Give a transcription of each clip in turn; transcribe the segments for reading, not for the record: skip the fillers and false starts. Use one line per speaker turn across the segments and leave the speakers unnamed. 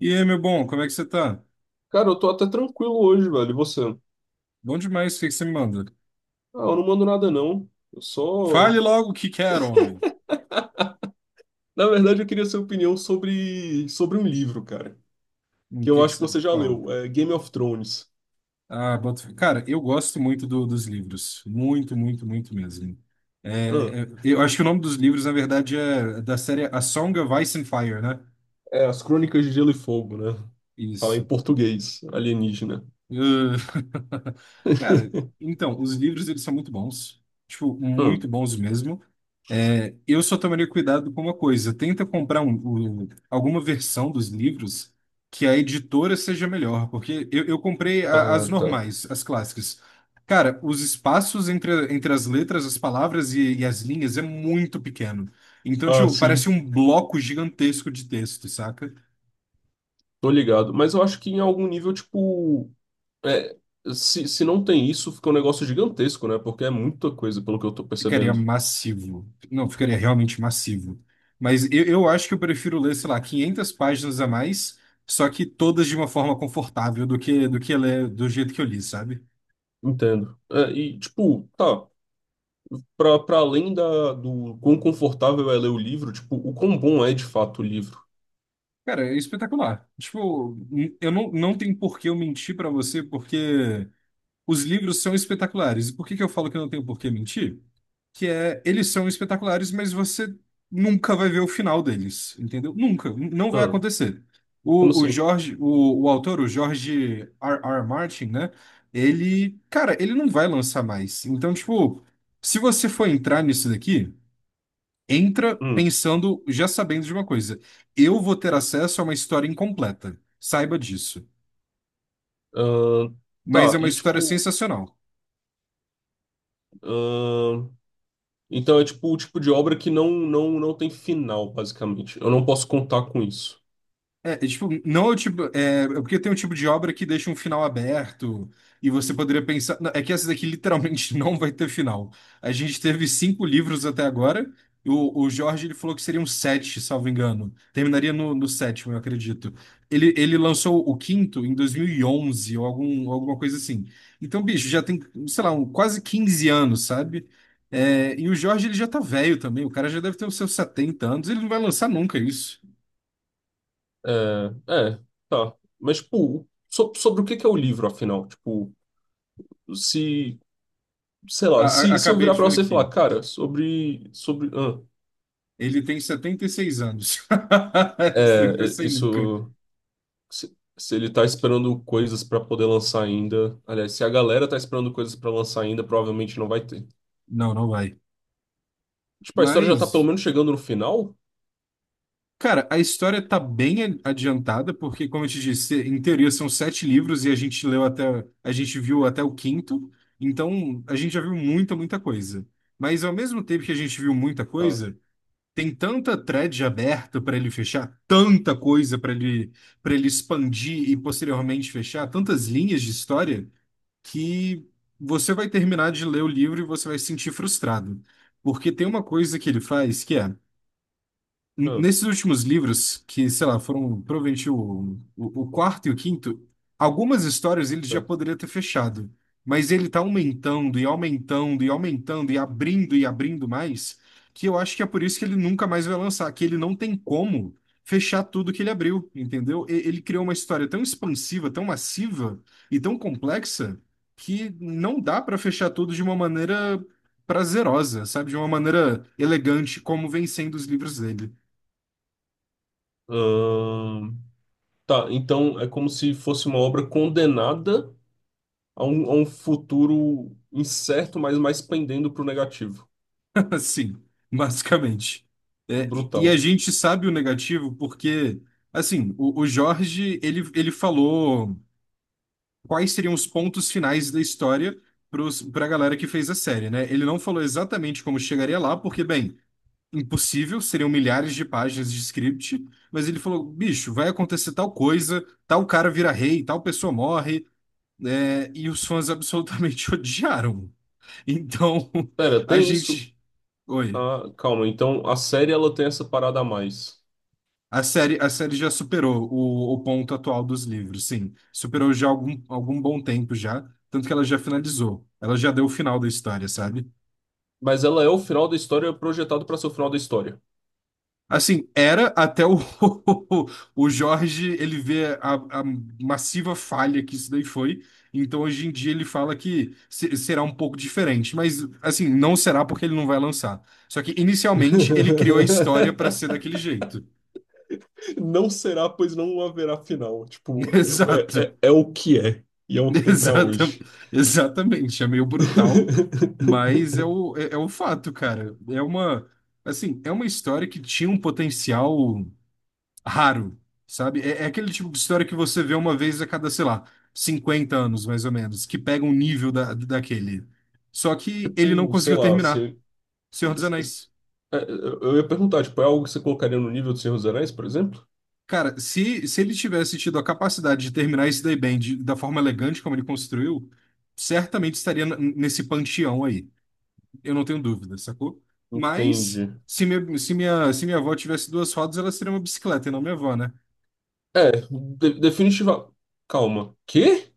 E aí, meu bom, como é que você tá?
Cara, eu tô até tranquilo hoje, velho. E você?
Bom demais, o que que você me manda?
Eu não mando nada, não. Eu
Fale
só.
logo o que quer, homem.
Na verdade, eu queria sua opinião sobre um livro, cara. Que
O que
eu
que
acho que
você.
você já
Qual?
leu. É Game of Thrones.
Ah, boto fé. Cara, eu gosto muito dos livros. Muito, muito, muito mesmo.
Ah,
Eu acho que o nome dos livros, na verdade, é da série A Song of Ice and Fire, né?
é As Crônicas de Gelo e Fogo, né? Fala em
Isso.
português, alienígena.
Uh, Cara, então, os livros, eles são muito bons. Tipo, muito
Hum.
bons mesmo. É, eu só tomaria cuidado com uma coisa. Tenta comprar alguma versão dos livros que a editora seja melhor, porque eu comprei as
Ah, tá.
normais, as clássicas. Cara, os espaços entre as letras, as palavras e as linhas é muito pequeno. Então,
Ah,
tipo, parece
sim.
um bloco gigantesco de texto, saca?
Tô ligado. Mas eu acho que em algum nível, tipo. É, se não tem isso, fica um negócio gigantesco, né? Porque é muita coisa, pelo que eu tô
Ficaria
percebendo.
massivo. Não, ficaria realmente massivo. Mas eu acho que eu prefiro ler, sei lá, 500 páginas a mais, só que todas de uma forma confortável do que ler do jeito que eu li, sabe?
Entendo. É, e, tipo, tá. Pra além da, do quão confortável é ler o livro, tipo, o quão bom é de fato o livro.
Cara, é espetacular. Tipo, eu não tenho por que eu mentir pra você, porque os livros são espetaculares. E por que que eu falo que eu não tenho por que mentir? Que é eles são espetaculares, mas você nunca vai ver o final deles, entendeu? Nunca, não vai
Ah,
acontecer.
como
O
assim?
Jorge, o autor, o George R. R. Martin, né? Ele, cara, ele não vai lançar mais. Então, tipo, se você for entrar nisso daqui, entra
Hum.
pensando, já sabendo de uma coisa. Eu vou ter acesso a uma história incompleta. Saiba disso.
Ah,
Mas é
tá,
uma
e
história
tipo.
sensacional.
Ah, então é tipo o tipo de obra que não, não, não tem final, basicamente. Eu não posso contar com isso.
Tipo, não é o tipo. É porque tem um tipo de obra que deixa um final aberto, e você poderia pensar, não. É que essa daqui literalmente não vai ter final. A gente teve cinco livros até agora. O Jorge ele falou que seriam sete, salvo engano. Terminaria no sétimo, eu acredito. Ele lançou o quinto em 2011 ou alguma coisa assim. Então, bicho, já tem, sei lá, quase 15 anos, sabe? É, e o Jorge ele já tá velho também. O cara já deve ter os seus 70 anos. Ele não vai lançar nunca.
É, é, tá. Mas, tipo, sobre o que que é o livro, afinal? Tipo, se. Sei
A-
lá,
a-
se eu
acabei
virar
de
pra
ver
você e falar,
aqui.
cara, sobre. Sobre. Ah,
Ele tem 76 anos.
é,
Isso eu não
é,
pensei nunca.
isso. Se ele tá esperando coisas pra poder lançar ainda. Aliás, se a galera tá esperando coisas pra lançar ainda, provavelmente não vai ter.
Não, não vai.
Tipo, a história já tá pelo
Mas,
menos chegando no final?
cara, a história tá bem adiantada, porque, como eu te disse, em teoria são sete livros e a gente viu até o quinto, então a gente já viu muita, muita coisa. Mas ao mesmo tempo que a gente viu muita
Tá.
coisa, tem tanta thread aberta para ele fechar, tanta coisa para ele expandir e posteriormente fechar, tantas linhas de história que você vai terminar de ler o livro e você vai se sentir frustrado. Porque tem uma coisa que ele faz que é,
Ah,
nesses últimos livros, que, sei lá, foram provavelmente o quarto e o quinto, algumas histórias ele já
tá.
poderia ter fechado. Mas ele tá aumentando e aumentando e aumentando e abrindo mais, que eu acho que é por isso que ele nunca mais vai lançar, que ele não tem como fechar tudo que ele abriu, entendeu? Ele criou uma história tão expansiva, tão massiva e tão complexa que não dá para fechar tudo de uma maneira prazerosa, sabe? De uma maneira elegante, como vem sendo os livros dele.
Ahn, tá, então é como se fosse uma obra condenada a um futuro incerto, mas mais pendendo pro negativo.
Assim, basicamente. É, e a
Brutal.
gente sabe o negativo porque, assim, o Jorge, ele falou quais seriam os pontos finais da história para a galera que fez a série, né? Ele não falou exatamente como chegaria lá, porque, bem, impossível, seriam milhares de páginas de script, mas ele falou, bicho, vai acontecer tal coisa, tal cara vira rei, tal pessoa morre, né? E os fãs absolutamente odiaram. Então,
Pera,
a
tem isso.
gente. Oi.
Ah, calma. Então a série ela tem essa parada a mais.
A série já superou o ponto atual dos livros, sim. Superou já algum bom tempo já, tanto que ela já finalizou. Ela já deu o final da história, sabe?
Mas ela é o final da história projetado para ser o final da história.
Assim, era até o, o Jorge, ele vê a massiva falha que isso daí foi. Então, hoje em dia, ele fala que será um pouco diferente. Mas, assim, não será porque ele não vai lançar. Só que, inicialmente, ele criou a história para ser daquele jeito.
Não será, pois não haverá final. Tipo, é, é,
Exato.
é o que é. E é o que tem pra
Exata,
hoje.
exatamente, é meio brutal, mas é o fato, cara. É uma, assim, é uma história que tinha um potencial raro, sabe? É aquele tipo de história que você vê uma vez a cada, sei lá, 50 anos, mais ou menos, que pega um nível daquele. Só que ele não
Tipo, sei
conseguiu
lá,
terminar.
se,
Senhor dos Anéis.
é, eu ia perguntar, tipo, é algo que você colocaria no nível de Senhor dos Anéis, por exemplo?
Cara, se ele tivesse tido a capacidade de terminar isso daí bem, da forma elegante como ele construiu, certamente estaria nesse panteão aí. Eu não tenho dúvida, sacou? Mas
Entendi.
se minha avó tivesse duas rodas, ela seria uma bicicleta e não minha avó, né?
É, de, definitiva. Calma. Quê?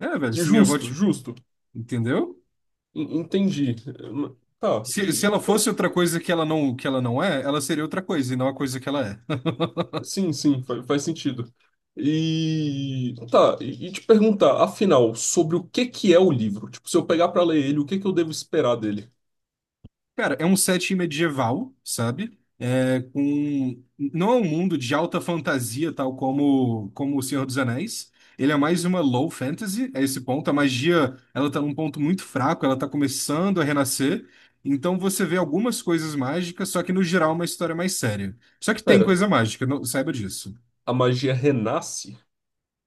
É, velho, se minha avó.
Justo, justo.
Entendeu?
En- Entendi. É, tá,
Se
e
ela
afinal.
fosse outra coisa que ela não é, ela seria outra coisa e não a coisa que ela é.
Sim, sim, fa- faz sentido. E. Tá, e te perguntar, afinal, sobre o que que é o livro? Tipo, se eu pegar pra ler ele, o que que eu devo esperar dele?
Cara, é um setting medieval, sabe? É, com. Não é um mundo de alta fantasia, tal como O Senhor dos Anéis. Ele é mais uma low fantasy, a esse ponto. A magia, ela tá num ponto muito fraco, ela tá começando a renascer. Então você vê algumas coisas mágicas, só que no geral é uma história mais séria. Só que tem
Pera,
coisa mágica, não, saiba disso.
a magia renasce?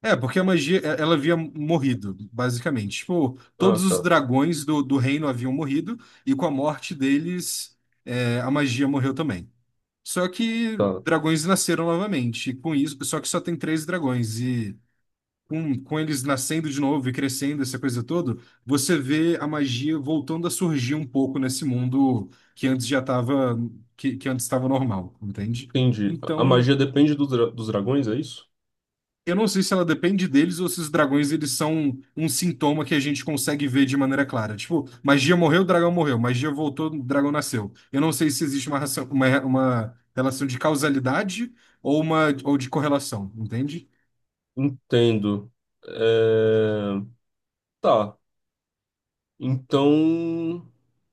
É, porque a magia, ela havia morrido, basicamente. Tipo,
Ah,
todos os
tá,
dragões do reino haviam morrido, e com a morte deles, é, a magia morreu também. Só que
tá.
dragões nasceram novamente, e com isso, só que só tem três dragões, e com eles nascendo de novo e crescendo, essa coisa toda, você vê a magia voltando a surgir um pouco nesse mundo que antes já estava, que antes estava normal, entende?
Entendi. A
Então,
magia depende dos dos dragões, é isso?
eu não sei se ela depende deles ou se os dragões eles são um sintoma que a gente consegue ver de maneira clara. Tipo, magia morreu, o dragão morreu. Magia voltou, o dragão nasceu. Eu não sei se existe uma relação de causalidade ou de correlação, entende?
Entendo. É, tá. Então.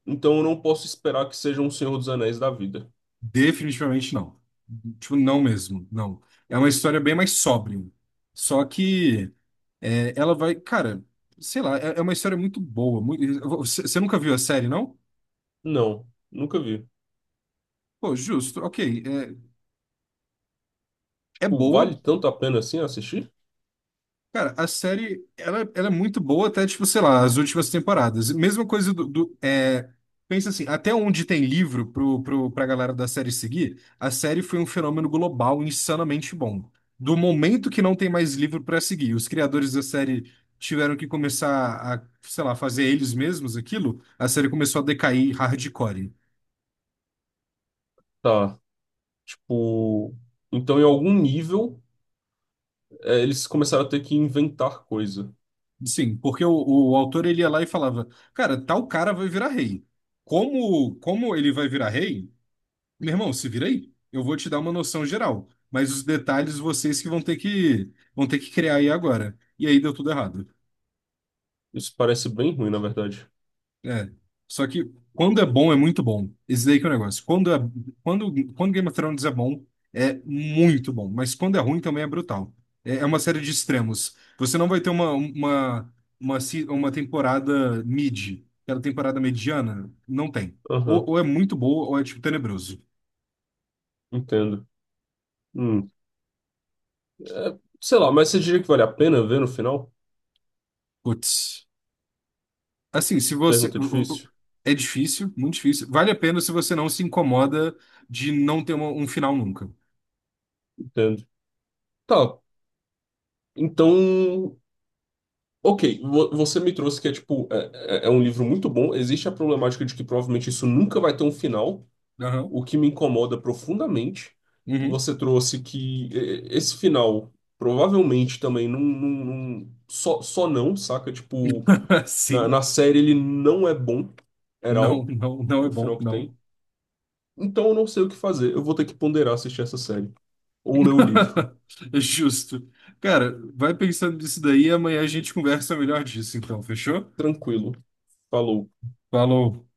Então eu não posso esperar que seja um Senhor dos Anéis da vida.
Definitivamente não. Tipo, não mesmo, não. É uma história bem mais sóbria. Só que é, ela vai, cara, sei lá, é, é uma história muito boa. Você nunca viu a série, não?
Não, nunca vi.
Pô, justo, ok. É
Tipo,
boa.
vale tanto a pena assim assistir?
Cara, a série, ela é muito boa até, tipo, sei lá, as últimas temporadas. Mesma coisa do. Pensa assim, até onde tem livro pra galera da série seguir, a série foi um fenômeno global insanamente bom. Do momento que não tem mais livro pra seguir, os criadores da série tiveram que começar a, sei lá, fazer eles mesmos aquilo, a série começou a decair hardcore.
Tá. Tipo. Então, em algum nível, é, eles começaram a ter que inventar coisa.
Sim, porque o autor, ele ia lá e falava, cara, tal cara vai virar rei. Como ele vai virar rei? Meu irmão, se vira aí. Eu vou te dar uma noção geral, mas os detalhes vocês que vão ter que criar aí agora. E aí deu tudo errado.
Isso parece bem ruim, na verdade.
É. Só que quando é bom é muito bom. Esse daí que é o negócio. Quando Game of Thrones é bom, é muito bom, mas quando é ruim também é brutal. É uma série de extremos. Você não vai ter uma, se- uma temporada mid, aquela temporada mediana, não tem. Ou,
Aham,
ou é muito boa ou é tipo tenebroso.
entendo. Hum. É, sei lá, mas você diria que vale a pena ver no final?
Putz. Assim, se você.
Pergunta difícil.
É difícil, muito difícil. Vale a pena se você não se incomoda de não ter um final nunca.
Entendo. Tá. Então. Ok, você me trouxe que é tipo, é, é- é um livro muito bom. Existe a problemática de que provavelmente isso nunca vai ter um final,
Aham.
o que me incomoda profundamente.
Uhum.
Você trouxe que é, esse final provavelmente também não, não- não- só, só não, saca? Tipo, na,
Sim.
na série ele não é bom, era
Não,
all,
não, não é
o
bom,
final que
não.
tem. Então eu não sei o que fazer. Eu vou ter que ponderar assistir essa série. Ou ler o livro.
Justo. Cara, vai pensando nisso daí, amanhã a gente conversa melhor disso, então, fechou?
Tranquilo. Falou.
Falou.